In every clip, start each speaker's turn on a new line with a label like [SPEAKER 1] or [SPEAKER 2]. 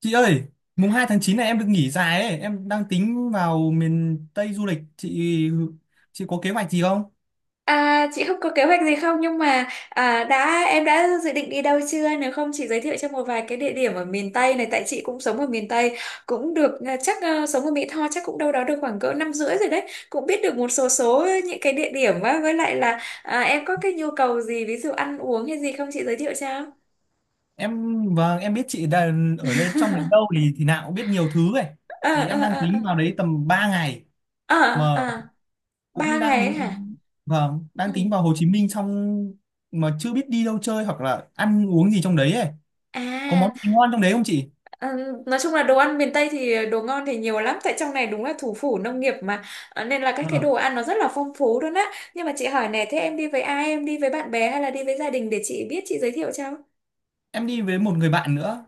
[SPEAKER 1] Chị ơi, mùng 2 tháng 9 này em được nghỉ dài ấy, em đang tính vào miền Tây du lịch. Chị có kế hoạch gì không?
[SPEAKER 2] À, chị không có kế hoạch gì không nhưng mà em đã dự định đi đâu chưa, nếu không chị giới thiệu cho một vài cái địa điểm ở miền Tây này, tại chị cũng sống ở miền Tây cũng được. Chắc sống ở Mỹ Tho chắc cũng đâu đó được khoảng cỡ 5,5 năm rồi đấy, cũng biết được một số số những cái địa điểm á, với lại là em có cái nhu cầu gì, ví dụ ăn uống hay gì không chị giới thiệu cho.
[SPEAKER 1] Em vâng, em biết chị đã ở lên trong đấy đâu thì nào cũng biết nhiều thứ ấy.
[SPEAKER 2] ờ
[SPEAKER 1] Thì em
[SPEAKER 2] ờ
[SPEAKER 1] đang
[SPEAKER 2] ờ ờ
[SPEAKER 1] tính vào đấy tầm 3 ngày
[SPEAKER 2] ờ
[SPEAKER 1] mà
[SPEAKER 2] ờ ba
[SPEAKER 1] cũng
[SPEAKER 2] ngày
[SPEAKER 1] đang
[SPEAKER 2] ấy
[SPEAKER 1] tính
[SPEAKER 2] hả?
[SPEAKER 1] vâng,
[SPEAKER 2] Ừ.
[SPEAKER 1] đang tính vào Hồ Chí Minh xong mà chưa biết đi đâu chơi hoặc là ăn uống gì trong đấy ấy. Có món
[SPEAKER 2] À.
[SPEAKER 1] gì ngon trong đấy không chị?
[SPEAKER 2] Ờ, nói chung là đồ ăn miền Tây thì đồ ngon thì nhiều lắm, tại trong này đúng là thủ phủ nông nghiệp mà. Nên là các cái đồ
[SPEAKER 1] Vâng.
[SPEAKER 2] ăn nó rất là phong phú luôn á, nhưng mà chị hỏi nè, thế em đi với ai, em đi với bạn bè hay là đi với gia đình để chị biết chị giới thiệu cho.
[SPEAKER 1] Em đi với một người bạn nữa,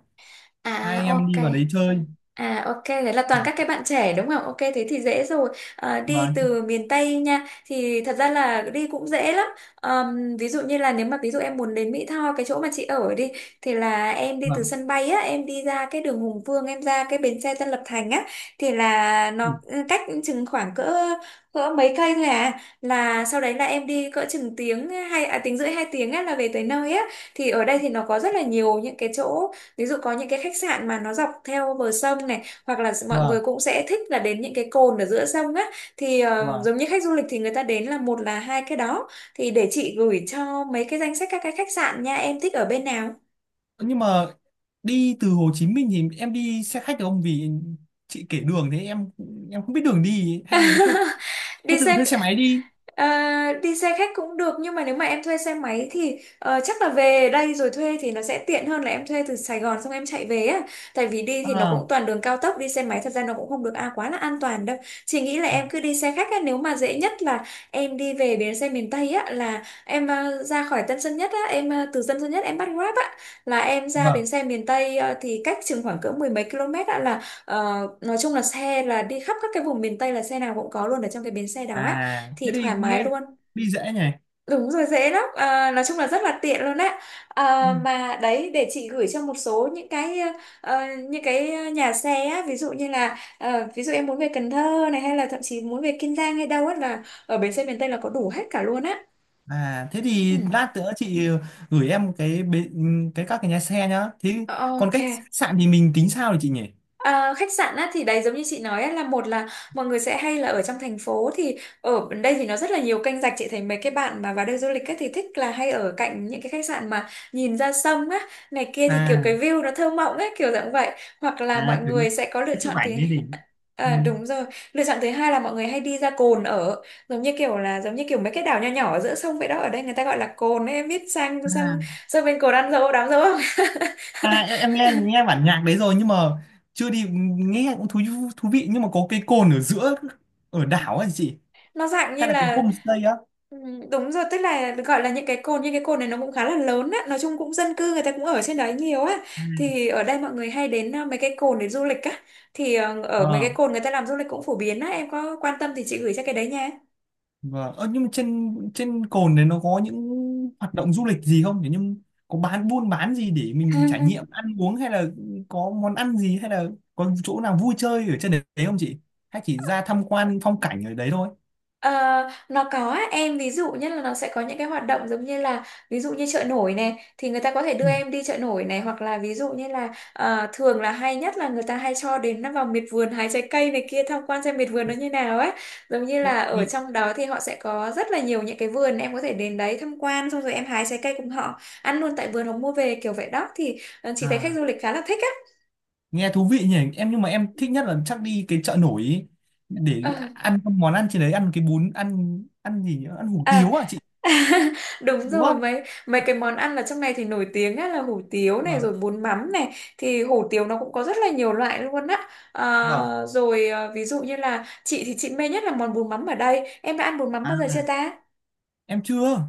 [SPEAKER 1] hai anh
[SPEAKER 2] À,
[SPEAKER 1] em
[SPEAKER 2] ok.
[SPEAKER 1] đi vào đấy chơi.
[SPEAKER 2] À ok, đấy là toàn
[SPEAKER 1] Vâng,
[SPEAKER 2] các cái bạn trẻ đúng không? Ok, thế thì dễ rồi. Ờ, đi
[SPEAKER 1] vâng,
[SPEAKER 2] từ miền Tây nha, thì thật ra là đi cũng dễ lắm. Ví dụ như là nếu mà ví dụ em muốn đến Mỹ Tho, cái chỗ mà chị ở đi, thì là em đi từ
[SPEAKER 1] vâng.
[SPEAKER 2] sân bay á, em đi ra cái đường Hùng Vương, em ra cái bến xe Tân Lập Thành á, thì là nó cách chừng khoảng cỡ cỡ mấy cây thôi à. Là sau đấy là em đi cỡ chừng tiếng hai à, tiếng rưỡi hai tiếng á, là về tới nơi á. Thì ở đây thì nó có rất là nhiều những cái chỗ. Ví dụ có những cái khách sạn mà nó dọc theo bờ sông này, hoặc là mọi người
[SPEAKER 1] Vâng.
[SPEAKER 2] cũng sẽ thích là đến những cái cồn ở giữa sông á, thì
[SPEAKER 1] Vâng.
[SPEAKER 2] giống như khách du lịch thì người ta đến là một là hai cái đó, thì để chị gửi cho mấy cái danh sách các cái khách sạn nha, em thích ở bên nào.
[SPEAKER 1] Nhưng mà đi từ Hồ Chí Minh thì em đi xe khách được không vì chị kể đường thế em không biết đường đi hay với
[SPEAKER 2] Đi
[SPEAKER 1] hay tự
[SPEAKER 2] xe.
[SPEAKER 1] thuê xe máy đi.
[SPEAKER 2] Ờ, đi xe khách cũng được nhưng mà nếu mà em thuê xe máy thì chắc là về đây rồi thuê thì nó sẽ tiện hơn là em thuê từ Sài Gòn xong em chạy về á. Tại vì đi thì nó cũng
[SPEAKER 1] À
[SPEAKER 2] toàn đường cao tốc, đi xe máy thật ra nó cũng không được quá là an toàn đâu. Chị nghĩ là em cứ đi xe khách á, nếu mà dễ nhất là em đi về bến xe miền Tây á, là em ra khỏi Tân Sơn Nhất á, em từ Tân Sơn Nhất em bắt Grab á, là em ra bến
[SPEAKER 1] vâng,
[SPEAKER 2] xe miền Tây, thì cách chừng khoảng cỡ mười mấy km á, là nói chung là xe là đi khắp các cái vùng miền Tây là xe nào cũng có luôn ở trong cái bến xe
[SPEAKER 1] à
[SPEAKER 2] đó á,
[SPEAKER 1] thế
[SPEAKER 2] thì
[SPEAKER 1] thì
[SPEAKER 2] thoải mái
[SPEAKER 1] nghe
[SPEAKER 2] luôn.
[SPEAKER 1] đi dễ nhỉ.
[SPEAKER 2] Đúng rồi, dễ lắm à, nói chung là rất là tiện luôn á.
[SPEAKER 1] Ừ.
[SPEAKER 2] À, mà đấy để chị gửi cho một số những cái ờ, những cái nhà xe á, ví dụ như là ví dụ em muốn về Cần Thơ này, hay là thậm chí muốn về Kiên Giang hay đâu á, là ở bến xe miền Tây là có đủ hết cả luôn á.
[SPEAKER 1] À thế
[SPEAKER 2] Ừ.
[SPEAKER 1] thì lát nữa chị gửi em các cái nhà xe nhá, thế còn cách khách
[SPEAKER 2] Ok.
[SPEAKER 1] sạn thì mình tính sao thì chị nhỉ?
[SPEAKER 2] À, khách sạn á, thì đấy giống như chị nói á, là một là mọi người sẽ hay là ở trong thành phố, thì ở đây thì nó rất là nhiều kênh rạch, chị thấy mấy cái bạn mà vào đây du lịch á, thì thích là hay ở cạnh những cái khách sạn mà nhìn ra sông á này kia, thì kiểu
[SPEAKER 1] à
[SPEAKER 2] cái view nó thơ mộng á kiểu dạng vậy. Hoặc là mọi
[SPEAKER 1] à kiểu
[SPEAKER 2] người sẽ có lựa
[SPEAKER 1] chụp
[SPEAKER 2] chọn thứ,
[SPEAKER 1] ảnh ấy thì. Ừ.
[SPEAKER 2] à, đúng rồi, lựa chọn thứ hai là mọi người hay đi ra cồn ở, giống như kiểu là giống như kiểu mấy cái đảo nho nhỏ ở giữa sông vậy đó, ở đây người ta gọi là cồn ấy, em biết sang sang sang bên cồn ăn dâu đám dâu,
[SPEAKER 1] À, em nghe nghe bản nhạc đấy rồi nhưng mà chưa đi, nghe cũng thú thú vị, nhưng mà có cái cồn ở giữa ở đảo ấy chị,
[SPEAKER 2] nó dạng như
[SPEAKER 1] hay là cái
[SPEAKER 2] là
[SPEAKER 1] homestay á?
[SPEAKER 2] ừ, đúng rồi, tức là gọi là những cái cồn nhưng cái cồn này nó cũng khá là lớn á, nói chung cũng dân cư người ta cũng ở trên đấy nhiều á,
[SPEAKER 1] À,
[SPEAKER 2] thì ở đây mọi người hay đến mấy cái cồn để du lịch á, thì ở mấy cái
[SPEAKER 1] à,
[SPEAKER 2] cồn người ta làm du lịch cũng phổ biến á, em có quan tâm thì chị gửi cho cái đấy nha.
[SPEAKER 1] vâng. Ơ, nhưng mà trên trên cồn đấy nó có những hoạt động du lịch gì không? Kiểu nhưng có bán buôn bán gì để mình trải nghiệm ăn uống hay là có món ăn gì, hay là có chỗ nào vui chơi ở trên đấy không chị, hay chỉ ra tham quan phong cảnh ở đấy thôi?
[SPEAKER 2] Ờ, nó có á, em ví dụ như là nó sẽ có những cái hoạt động giống như là ví dụ như chợ nổi này, thì người ta có thể đưa
[SPEAKER 1] Ừ.
[SPEAKER 2] em đi chợ nổi này, hoặc là ví dụ như là thường là hay nhất là người ta hay cho đến nó vào miệt vườn hái trái cây này kia, tham quan xem miệt vườn nó như nào ấy, giống như là
[SPEAKER 1] Ừ.
[SPEAKER 2] ở trong đó thì họ sẽ có rất là nhiều những cái vườn, em có thể đến đấy tham quan xong rồi em hái trái cây cùng họ ăn luôn tại vườn hoặc mua về kiểu vậy đó, thì chị thấy khách
[SPEAKER 1] À
[SPEAKER 2] du lịch khá là thích á.
[SPEAKER 1] nghe thú vị nhỉ, em nhưng mà em thích nhất là chắc đi cái chợ nổi ý, để
[SPEAKER 2] Ờ.
[SPEAKER 1] ăn con món ăn trên đấy, ăn cái bún, ăn ăn gì nhỉ? Ăn hủ
[SPEAKER 2] À,
[SPEAKER 1] tiếu à chị?
[SPEAKER 2] đúng
[SPEAKER 1] Đúng
[SPEAKER 2] rồi,
[SPEAKER 1] không?
[SPEAKER 2] mấy mấy cái món ăn ở trong này thì nổi tiếng á, là hủ tiếu này rồi
[SPEAKER 1] Vâng.
[SPEAKER 2] bún mắm này, thì hủ tiếu nó cũng có rất là nhiều loại luôn á. À,
[SPEAKER 1] Vâng.
[SPEAKER 2] rồi ví dụ như là chị thì chị mê nhất là món bún mắm, ở đây em đã ăn bún mắm bao giờ chưa
[SPEAKER 1] À
[SPEAKER 2] ta?
[SPEAKER 1] em chưa,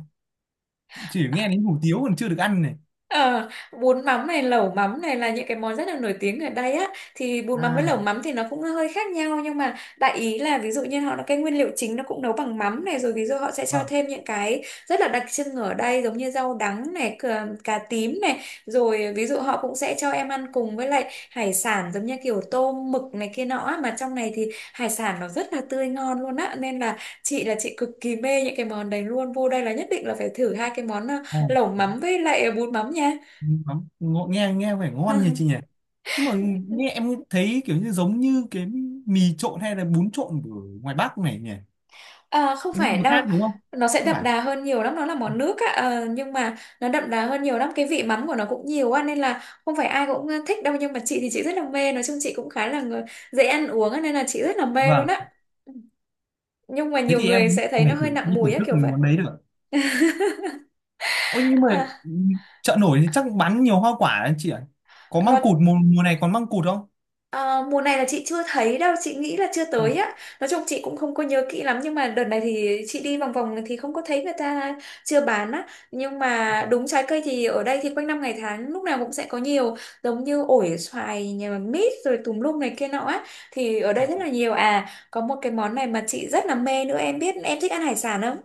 [SPEAKER 1] chỉ nghe đến hủ tiếu còn chưa được ăn này.
[SPEAKER 2] Ờ, bún mắm này, lẩu mắm này là những cái món rất là nổi tiếng ở đây á. Thì bún mắm với lẩu
[SPEAKER 1] À
[SPEAKER 2] mắm thì nó cũng hơi khác nhau, nhưng mà đại ý là ví dụ như họ cái nguyên liệu chính nó cũng nấu bằng mắm này, rồi ví dụ họ sẽ cho
[SPEAKER 1] vâng.
[SPEAKER 2] thêm những cái rất là đặc trưng ở đây, giống như rau đắng này, cà, cà tím này, rồi ví dụ họ cũng sẽ cho em ăn cùng với lại hải sản giống như kiểu tôm mực này kia nọ á. Mà trong này thì hải sản nó rất là tươi ngon luôn á, nên là chị cực kỳ mê những cái món đấy luôn. Vô đây là nhất định là phải thử hai cái món
[SPEAKER 1] Ồ,
[SPEAKER 2] lẩu mắm với lại bún mắm nha.
[SPEAKER 1] nghe nghe vẻ ngon nhỉ chị nhỉ? Nhưng mà nghe em thấy kiểu như giống như cái mì trộn hay là bún trộn ở ngoài Bắc này nhỉ,
[SPEAKER 2] À, không
[SPEAKER 1] nhưng
[SPEAKER 2] phải
[SPEAKER 1] mà
[SPEAKER 2] đâu,
[SPEAKER 1] khác đúng không?
[SPEAKER 2] nó sẽ
[SPEAKER 1] Không
[SPEAKER 2] đậm
[SPEAKER 1] phải.
[SPEAKER 2] đà hơn nhiều lắm, nó là món nước á, nhưng mà nó đậm đà hơn nhiều lắm, cái vị mắm của nó cũng nhiều á nên là không phải ai cũng thích đâu, nhưng mà chị thì chị rất là mê, nói chung chị cũng khá là người dễ ăn uống á, nên là chị rất là mê luôn
[SPEAKER 1] Vâng,
[SPEAKER 2] á, nhưng mà
[SPEAKER 1] thế
[SPEAKER 2] nhiều
[SPEAKER 1] thì
[SPEAKER 2] người
[SPEAKER 1] em
[SPEAKER 2] sẽ thấy nó
[SPEAKER 1] phải
[SPEAKER 2] hơi
[SPEAKER 1] thử
[SPEAKER 2] nặng
[SPEAKER 1] đi
[SPEAKER 2] mùi
[SPEAKER 1] thưởng
[SPEAKER 2] á
[SPEAKER 1] thức
[SPEAKER 2] kiểu vậy.
[SPEAKER 1] món đấy được. Ôi nhưng mà
[SPEAKER 2] À,
[SPEAKER 1] chợ nổi thì chắc bán nhiều hoa quả anh chị ạ. Có măng
[SPEAKER 2] nó.
[SPEAKER 1] cụt mùa mùa này còn măng cụt không?
[SPEAKER 2] Ờ, mùa này là chị chưa thấy đâu, chị nghĩ là chưa
[SPEAKER 1] Ừ.
[SPEAKER 2] tới á. Nói chung chị cũng không có nhớ kỹ lắm, nhưng mà đợt này thì chị đi vòng vòng thì không có thấy người ta chưa bán á. Nhưng mà
[SPEAKER 1] Ờ,
[SPEAKER 2] đúng, trái cây thì ở đây thì quanh năm ngày tháng lúc nào cũng sẽ có nhiều, giống như ổi, xoài, nhà mà mít rồi tùm lum này kia nọ á, thì ở đây rất
[SPEAKER 1] ờ.
[SPEAKER 2] là nhiều à. Có một cái món này mà chị rất là mê nữa, em biết em thích ăn hải sản không?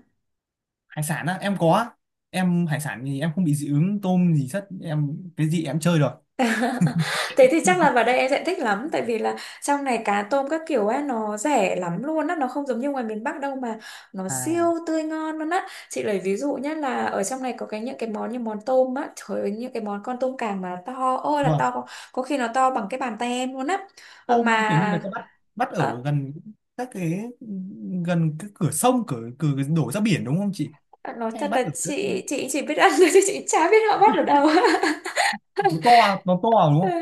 [SPEAKER 1] Hải sản á, em có á. Em hải sản thì em không bị dị ứng tôm gì hết, em cái gì em chơi rồi.
[SPEAKER 2] Thế thì chắc là vào đây em sẽ thích lắm, tại vì là trong này cá tôm các kiểu ấy nó rẻ lắm luôn á, nó không giống như ngoài miền Bắc đâu mà nó
[SPEAKER 1] À
[SPEAKER 2] siêu tươi ngon luôn á. Chị lấy ví dụ nhé, là ở trong này có cái những cái món như món tôm á, trời ơi, những cái món con tôm càng mà to ôi là to,
[SPEAKER 1] vâng,
[SPEAKER 2] có khi nó to bằng cái bàn tay em luôn á. Ờ,
[SPEAKER 1] tôm kiểu như người ta
[SPEAKER 2] mà
[SPEAKER 1] bắt bắt
[SPEAKER 2] ờ,
[SPEAKER 1] ở gần các cái, gần cái cửa sông, cửa cửa đổ ra biển đúng không chị?
[SPEAKER 2] ờ, nói
[SPEAKER 1] Hay
[SPEAKER 2] thật
[SPEAKER 1] bắt
[SPEAKER 2] là
[SPEAKER 1] ở
[SPEAKER 2] chị chỉ biết ăn thôi chứ chị chả biết họ bắt ở đâu.
[SPEAKER 1] nó to à, đúng
[SPEAKER 2] Ờ,
[SPEAKER 1] không?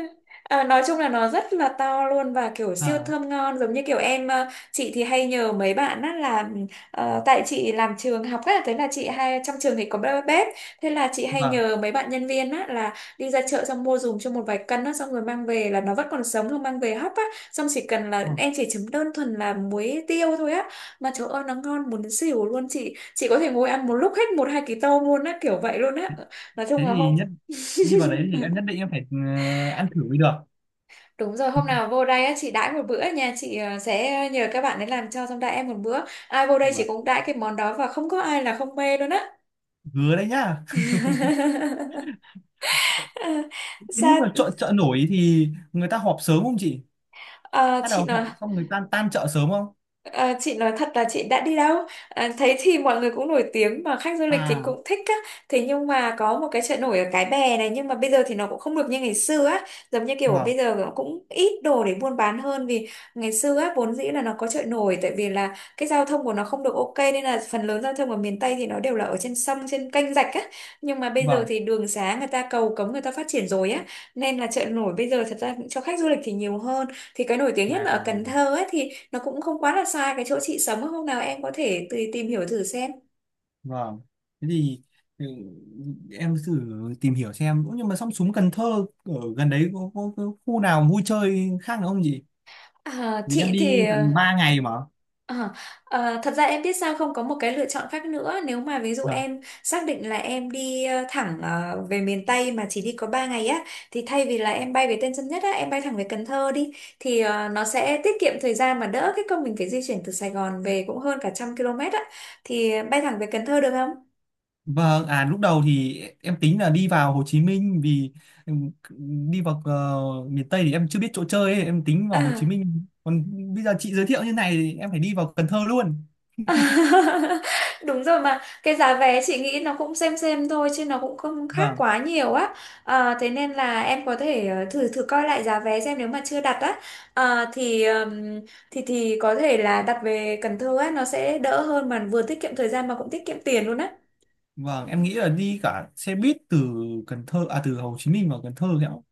[SPEAKER 2] nói chung là nó rất là to luôn và kiểu siêu
[SPEAKER 1] À
[SPEAKER 2] thơm ngon, giống như kiểu em chị thì hay nhờ mấy bạn á, là ừ, tại chị làm trường học á, thế là chị hay trong trường thì có bếp, thế là chị hay
[SPEAKER 1] vâng.
[SPEAKER 2] nhờ mấy bạn nhân viên á là đi ra chợ, xong mua dùng cho một vài cân á, xong rồi mang về là nó vẫn còn sống, rồi mang về hấp á, xong chỉ cần là
[SPEAKER 1] Ờ,
[SPEAKER 2] em chỉ chấm đơn thuần là muối tiêu thôi á, mà trời ơi nó ngon muốn xỉu luôn. Chị có thể ngồi ăn một lúc hết một hai ký tôm luôn á, kiểu vậy luôn á, nói chung
[SPEAKER 1] thế
[SPEAKER 2] là
[SPEAKER 1] thì
[SPEAKER 2] không.
[SPEAKER 1] nhất đi vào đấy thì em nhất định em phải ăn thử mới được.
[SPEAKER 2] Đúng rồi, hôm nào vô đây á, chị đãi một bữa nha. Chị sẽ nhờ các bạn ấy làm cho, xong đãi em một bữa. Ai vô đây chị
[SPEAKER 1] Vâng.
[SPEAKER 2] cũng đãi cái món đó và không có ai là không mê luôn á.
[SPEAKER 1] Hứa đấy nhá. Thế nhưng
[SPEAKER 2] Sao
[SPEAKER 1] mà chợ chợ nổi thì người ta họp sớm không chị?
[SPEAKER 2] ờ,
[SPEAKER 1] Bắt
[SPEAKER 2] chị
[SPEAKER 1] đầu
[SPEAKER 2] nói
[SPEAKER 1] họ xong người ta tan chợ sớm không?
[SPEAKER 2] Ờ, chị nói thật là chị đã đi đâu. Ờ, thấy thì mọi người cũng nổi tiếng mà khách du lịch thì
[SPEAKER 1] À,
[SPEAKER 2] cũng thích á, thế nhưng mà có một cái chợ nổi ở Cái Bè này, nhưng mà bây giờ thì nó cũng không được như ngày xưa á, giống như kiểu
[SPEAKER 1] vâng,
[SPEAKER 2] bây giờ nó cũng ít đồ để buôn bán hơn. Vì ngày xưa á, vốn dĩ là nó có chợ nổi tại vì là cái giao thông của nó không được ok, nên là phần lớn giao thông ở miền Tây thì nó đều là ở trên sông, trên kênh rạch á, nhưng mà bây giờ
[SPEAKER 1] vâng,
[SPEAKER 2] thì đường xá người ta, cầu cống người ta phát triển rồi á, nên là chợ nổi bây giờ thật ra cho khách du lịch thì nhiều hơn. Thì cái nổi tiếng nhất là ở
[SPEAKER 1] à,
[SPEAKER 2] Cần Thơ ấy, thì nó cũng không quá là xa cái chỗ chị sống, hôm nào em có thể tùy tìm hiểu thử xem.
[SPEAKER 1] vâng. Thế thì ừ, em thử tìm hiểu xem. Ủa, nhưng mà sông Suối Cần Thơ ở gần đấy có khu nào vui chơi khác nữa không chị?
[SPEAKER 2] à,
[SPEAKER 1] Vì em
[SPEAKER 2] chị thì
[SPEAKER 1] đi tận 3 ngày mà.
[SPEAKER 2] à, À, thật ra em biết sao không, có một cái lựa chọn khác nữa, nếu mà ví dụ
[SPEAKER 1] Vâng.
[SPEAKER 2] em xác định là em đi thẳng về miền Tây mà chỉ đi có 3 ngày á, thì thay vì là em bay về Tân Sơn Nhất á, em bay thẳng về Cần Thơ đi, thì nó sẽ tiết kiệm thời gian mà đỡ cái công mình phải di chuyển từ Sài Gòn về, cũng hơn cả trăm km á. Thì bay thẳng về Cần Thơ được không?
[SPEAKER 1] Vâng, à lúc đầu thì em tính là đi vào Hồ Chí Minh vì ừm, đi vào miền Tây thì em chưa biết chỗ chơi ấy, em tính
[SPEAKER 2] À,
[SPEAKER 1] vào Hồ Chí Minh. Còn bây giờ chị giới thiệu như này thì em phải đi vào Cần Thơ luôn.
[SPEAKER 2] đúng rồi, mà cái giá vé chị nghĩ nó cũng xem thôi chứ nó cũng không khác
[SPEAKER 1] Vâng,
[SPEAKER 2] quá nhiều á. À, thế nên là em có thể thử thử coi lại giá vé xem, nếu mà chưa đặt á, à, thì thì có thể là đặt về Cần Thơ á, nó sẽ đỡ hơn, mà vừa tiết kiệm thời gian mà cũng tiết kiệm tiền luôn á.
[SPEAKER 1] vâng, em nghĩ là đi cả xe buýt từ Cần Thơ từ Hồ Chí Minh vào Cần Thơ kẹo.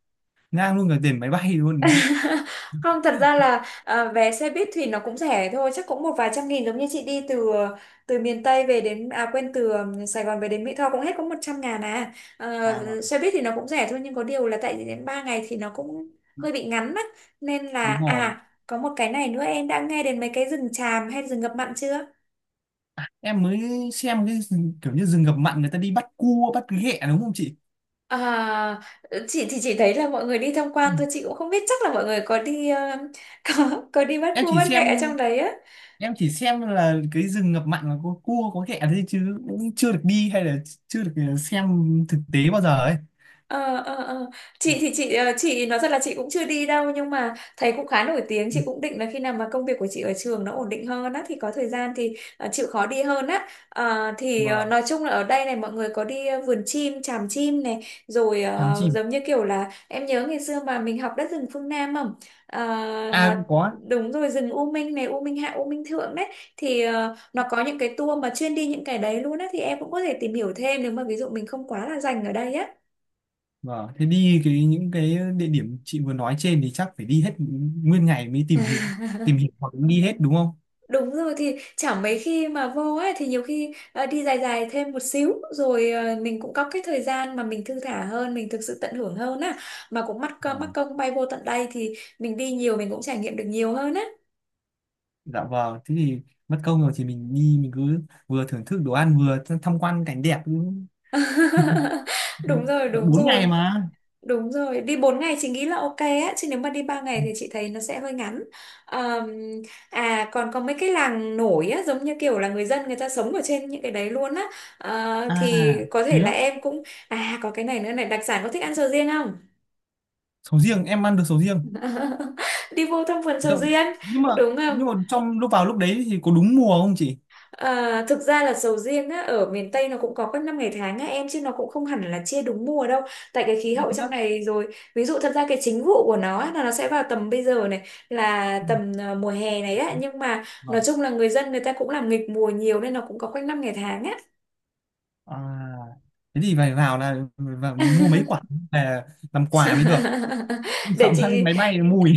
[SPEAKER 1] Ngang luôn cả tiền máy bay luôn.
[SPEAKER 2] Không, thật ra là à, vé xe buýt thì nó cũng rẻ thôi, chắc cũng một vài trăm nghìn, giống như chị đi từ từ miền Tây về đến à quên từ Sài Gòn về đến Mỹ Tho cũng hết có 100 ngàn à. Ờ,
[SPEAKER 1] À vâng,
[SPEAKER 2] xe buýt thì nó cũng rẻ thôi, nhưng có điều là tại vì đến 3 ngày thì nó cũng hơi bị ngắn á, nên là
[SPEAKER 1] đúng rồi.
[SPEAKER 2] à, có một cái này nữa, em đã nghe đến mấy cái rừng tràm hay rừng ngập mặn chưa?
[SPEAKER 1] Em mới xem cái kiểu như rừng ngập mặn người ta đi bắt cua, bắt ghẹ đúng không chị?
[SPEAKER 2] À, chị thì chỉ thấy là mọi người đi tham
[SPEAKER 1] Ừ.
[SPEAKER 2] quan thôi, chị cũng không biết chắc là mọi người có đi có đi bắt
[SPEAKER 1] Em
[SPEAKER 2] cua
[SPEAKER 1] chỉ
[SPEAKER 2] bắt ghẹ ở trong
[SPEAKER 1] xem
[SPEAKER 2] đấy á.
[SPEAKER 1] em chỉ xem là cái rừng ngập mặn là có cua có ghẹ thôi chứ cũng chưa được đi, hay là chưa được xem thực tế bao giờ ấy.
[SPEAKER 2] ờ ờ ờ chị nói thật là chị cũng chưa đi đâu, nhưng mà thầy cũng khá nổi tiếng, chị cũng định là khi nào mà công việc của chị ở trường nó ổn định hơn á, thì có thời gian thì chịu khó đi hơn á. Ờ, thì
[SPEAKER 1] Vâng,
[SPEAKER 2] nói chung là ở đây này, mọi người có đi vườn chim, chàm chim này, rồi
[SPEAKER 1] thám chìm
[SPEAKER 2] giống như kiểu là em nhớ ngày xưa mà mình học Đất Rừng Phương Nam không? Ờ,
[SPEAKER 1] à,
[SPEAKER 2] nó
[SPEAKER 1] cũng có.
[SPEAKER 2] đúng rồi, rừng U Minh này, U Minh Hạ, U Minh Thượng đấy, thì nó có những cái tour mà chuyên đi những cái đấy luôn á, thì em cũng có thể tìm hiểu thêm, nếu mà ví dụ mình không quá là rành ở đây á.
[SPEAKER 1] Vâng, thế đi cái những cái địa điểm chị vừa nói trên thì chắc phải đi hết nguyên ngày mới tìm hiểu hoặc đi hết đúng không?
[SPEAKER 2] Đúng rồi, thì chẳng mấy khi mà vô ấy thì nhiều khi đi dài dài thêm một xíu, rồi mình cũng có cái thời gian mà mình thư thả hơn, mình thực sự tận hưởng hơn á, mà cũng mắc
[SPEAKER 1] Vâng.
[SPEAKER 2] công bay vô tận đây thì mình đi nhiều, mình cũng trải nghiệm được nhiều hơn á.
[SPEAKER 1] Dạ vâng thế thì, mất công rồi thì mình đi, mình cứ vừa thưởng thức đồ ăn vừa tham quan cảnh đẹp cũng
[SPEAKER 2] Đúng rồi,
[SPEAKER 1] tận
[SPEAKER 2] đúng
[SPEAKER 1] 4 ngày
[SPEAKER 2] rồi.
[SPEAKER 1] mà.
[SPEAKER 2] Đúng rồi, đi 4 ngày chị nghĩ là ok á, chứ nếu mà đi 3 ngày thì chị thấy nó sẽ hơi ngắn. Ờm, À, còn có mấy cái làng nổi á, giống như kiểu là người dân người ta sống ở trên những cái đấy luôn á. Ờ, thì
[SPEAKER 1] À
[SPEAKER 2] có
[SPEAKER 1] thế
[SPEAKER 2] thể là
[SPEAKER 1] á.
[SPEAKER 2] em cũng à, có cái này nữa này, đặc sản, có thích ăn sầu riêng không?
[SPEAKER 1] Sầu riêng em ăn được sầu riêng.
[SPEAKER 2] Đi vô thăm vườn sầu
[SPEAKER 1] Động.
[SPEAKER 2] riêng,
[SPEAKER 1] Nhưng mà
[SPEAKER 2] đúng
[SPEAKER 1] nhưng
[SPEAKER 2] không?
[SPEAKER 1] mà trong lúc vào lúc đấy thì có đúng mùa không chị?
[SPEAKER 2] À, thực ra là sầu riêng á, ở miền Tây nó cũng có các năm ngày tháng á em, chứ nó cũng không hẳn là chia đúng mùa đâu, tại cái khí
[SPEAKER 1] Là
[SPEAKER 2] hậu
[SPEAKER 1] thế
[SPEAKER 2] trong
[SPEAKER 1] đó.
[SPEAKER 2] này rồi. Ví dụ thật ra cái chính vụ của nó á, là nó sẽ vào tầm bây giờ này, là
[SPEAKER 1] Ừ.
[SPEAKER 2] tầm à, mùa hè này á, nhưng mà nói
[SPEAKER 1] Vâng.
[SPEAKER 2] chung là người dân người ta cũng làm nghịch mùa nhiều nên nó cũng có quanh năm ngày tháng á.
[SPEAKER 1] À, thế thì phải vào là và mua mấy quả về làm quà mới được. Sợ
[SPEAKER 2] Để
[SPEAKER 1] mang lên
[SPEAKER 2] chị,
[SPEAKER 1] máy bay mùi.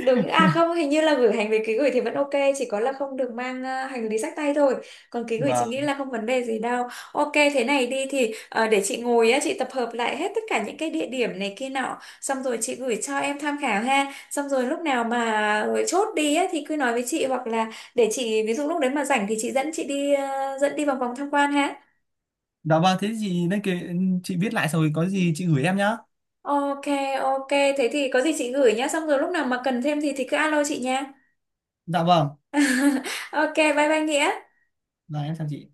[SPEAKER 2] đúng, à không, hình như là gửi hành lý ký gửi thì vẫn ok, chỉ có là không được mang hành lý xách tay thôi. Còn ký gửi chị nghĩ
[SPEAKER 1] Vâng.
[SPEAKER 2] là không vấn đề gì đâu. Ok, thế này đi thì để chị ngồi á, chị tập hợp lại hết tất cả những cái địa điểm này kia nọ, xong rồi chị gửi cho em tham khảo ha. Xong rồi lúc nào mà chốt đi á, thì cứ nói với chị, hoặc là để chị, ví dụ lúc đấy mà rảnh thì chị dẫn chị đi, dẫn đi vòng vòng tham quan ha.
[SPEAKER 1] Dạ vâng, thế thì nên kể, chị viết lại rồi có gì chị gửi em nhá.
[SPEAKER 2] Ok, ok, thế thì có gì chị gửi nhá, xong rồi lúc nào mà cần thêm gì thì cứ alo chị nha.
[SPEAKER 1] Dạ vâng.
[SPEAKER 2] Ok, bye bye Nghĩa.
[SPEAKER 1] Dạ em chào chị.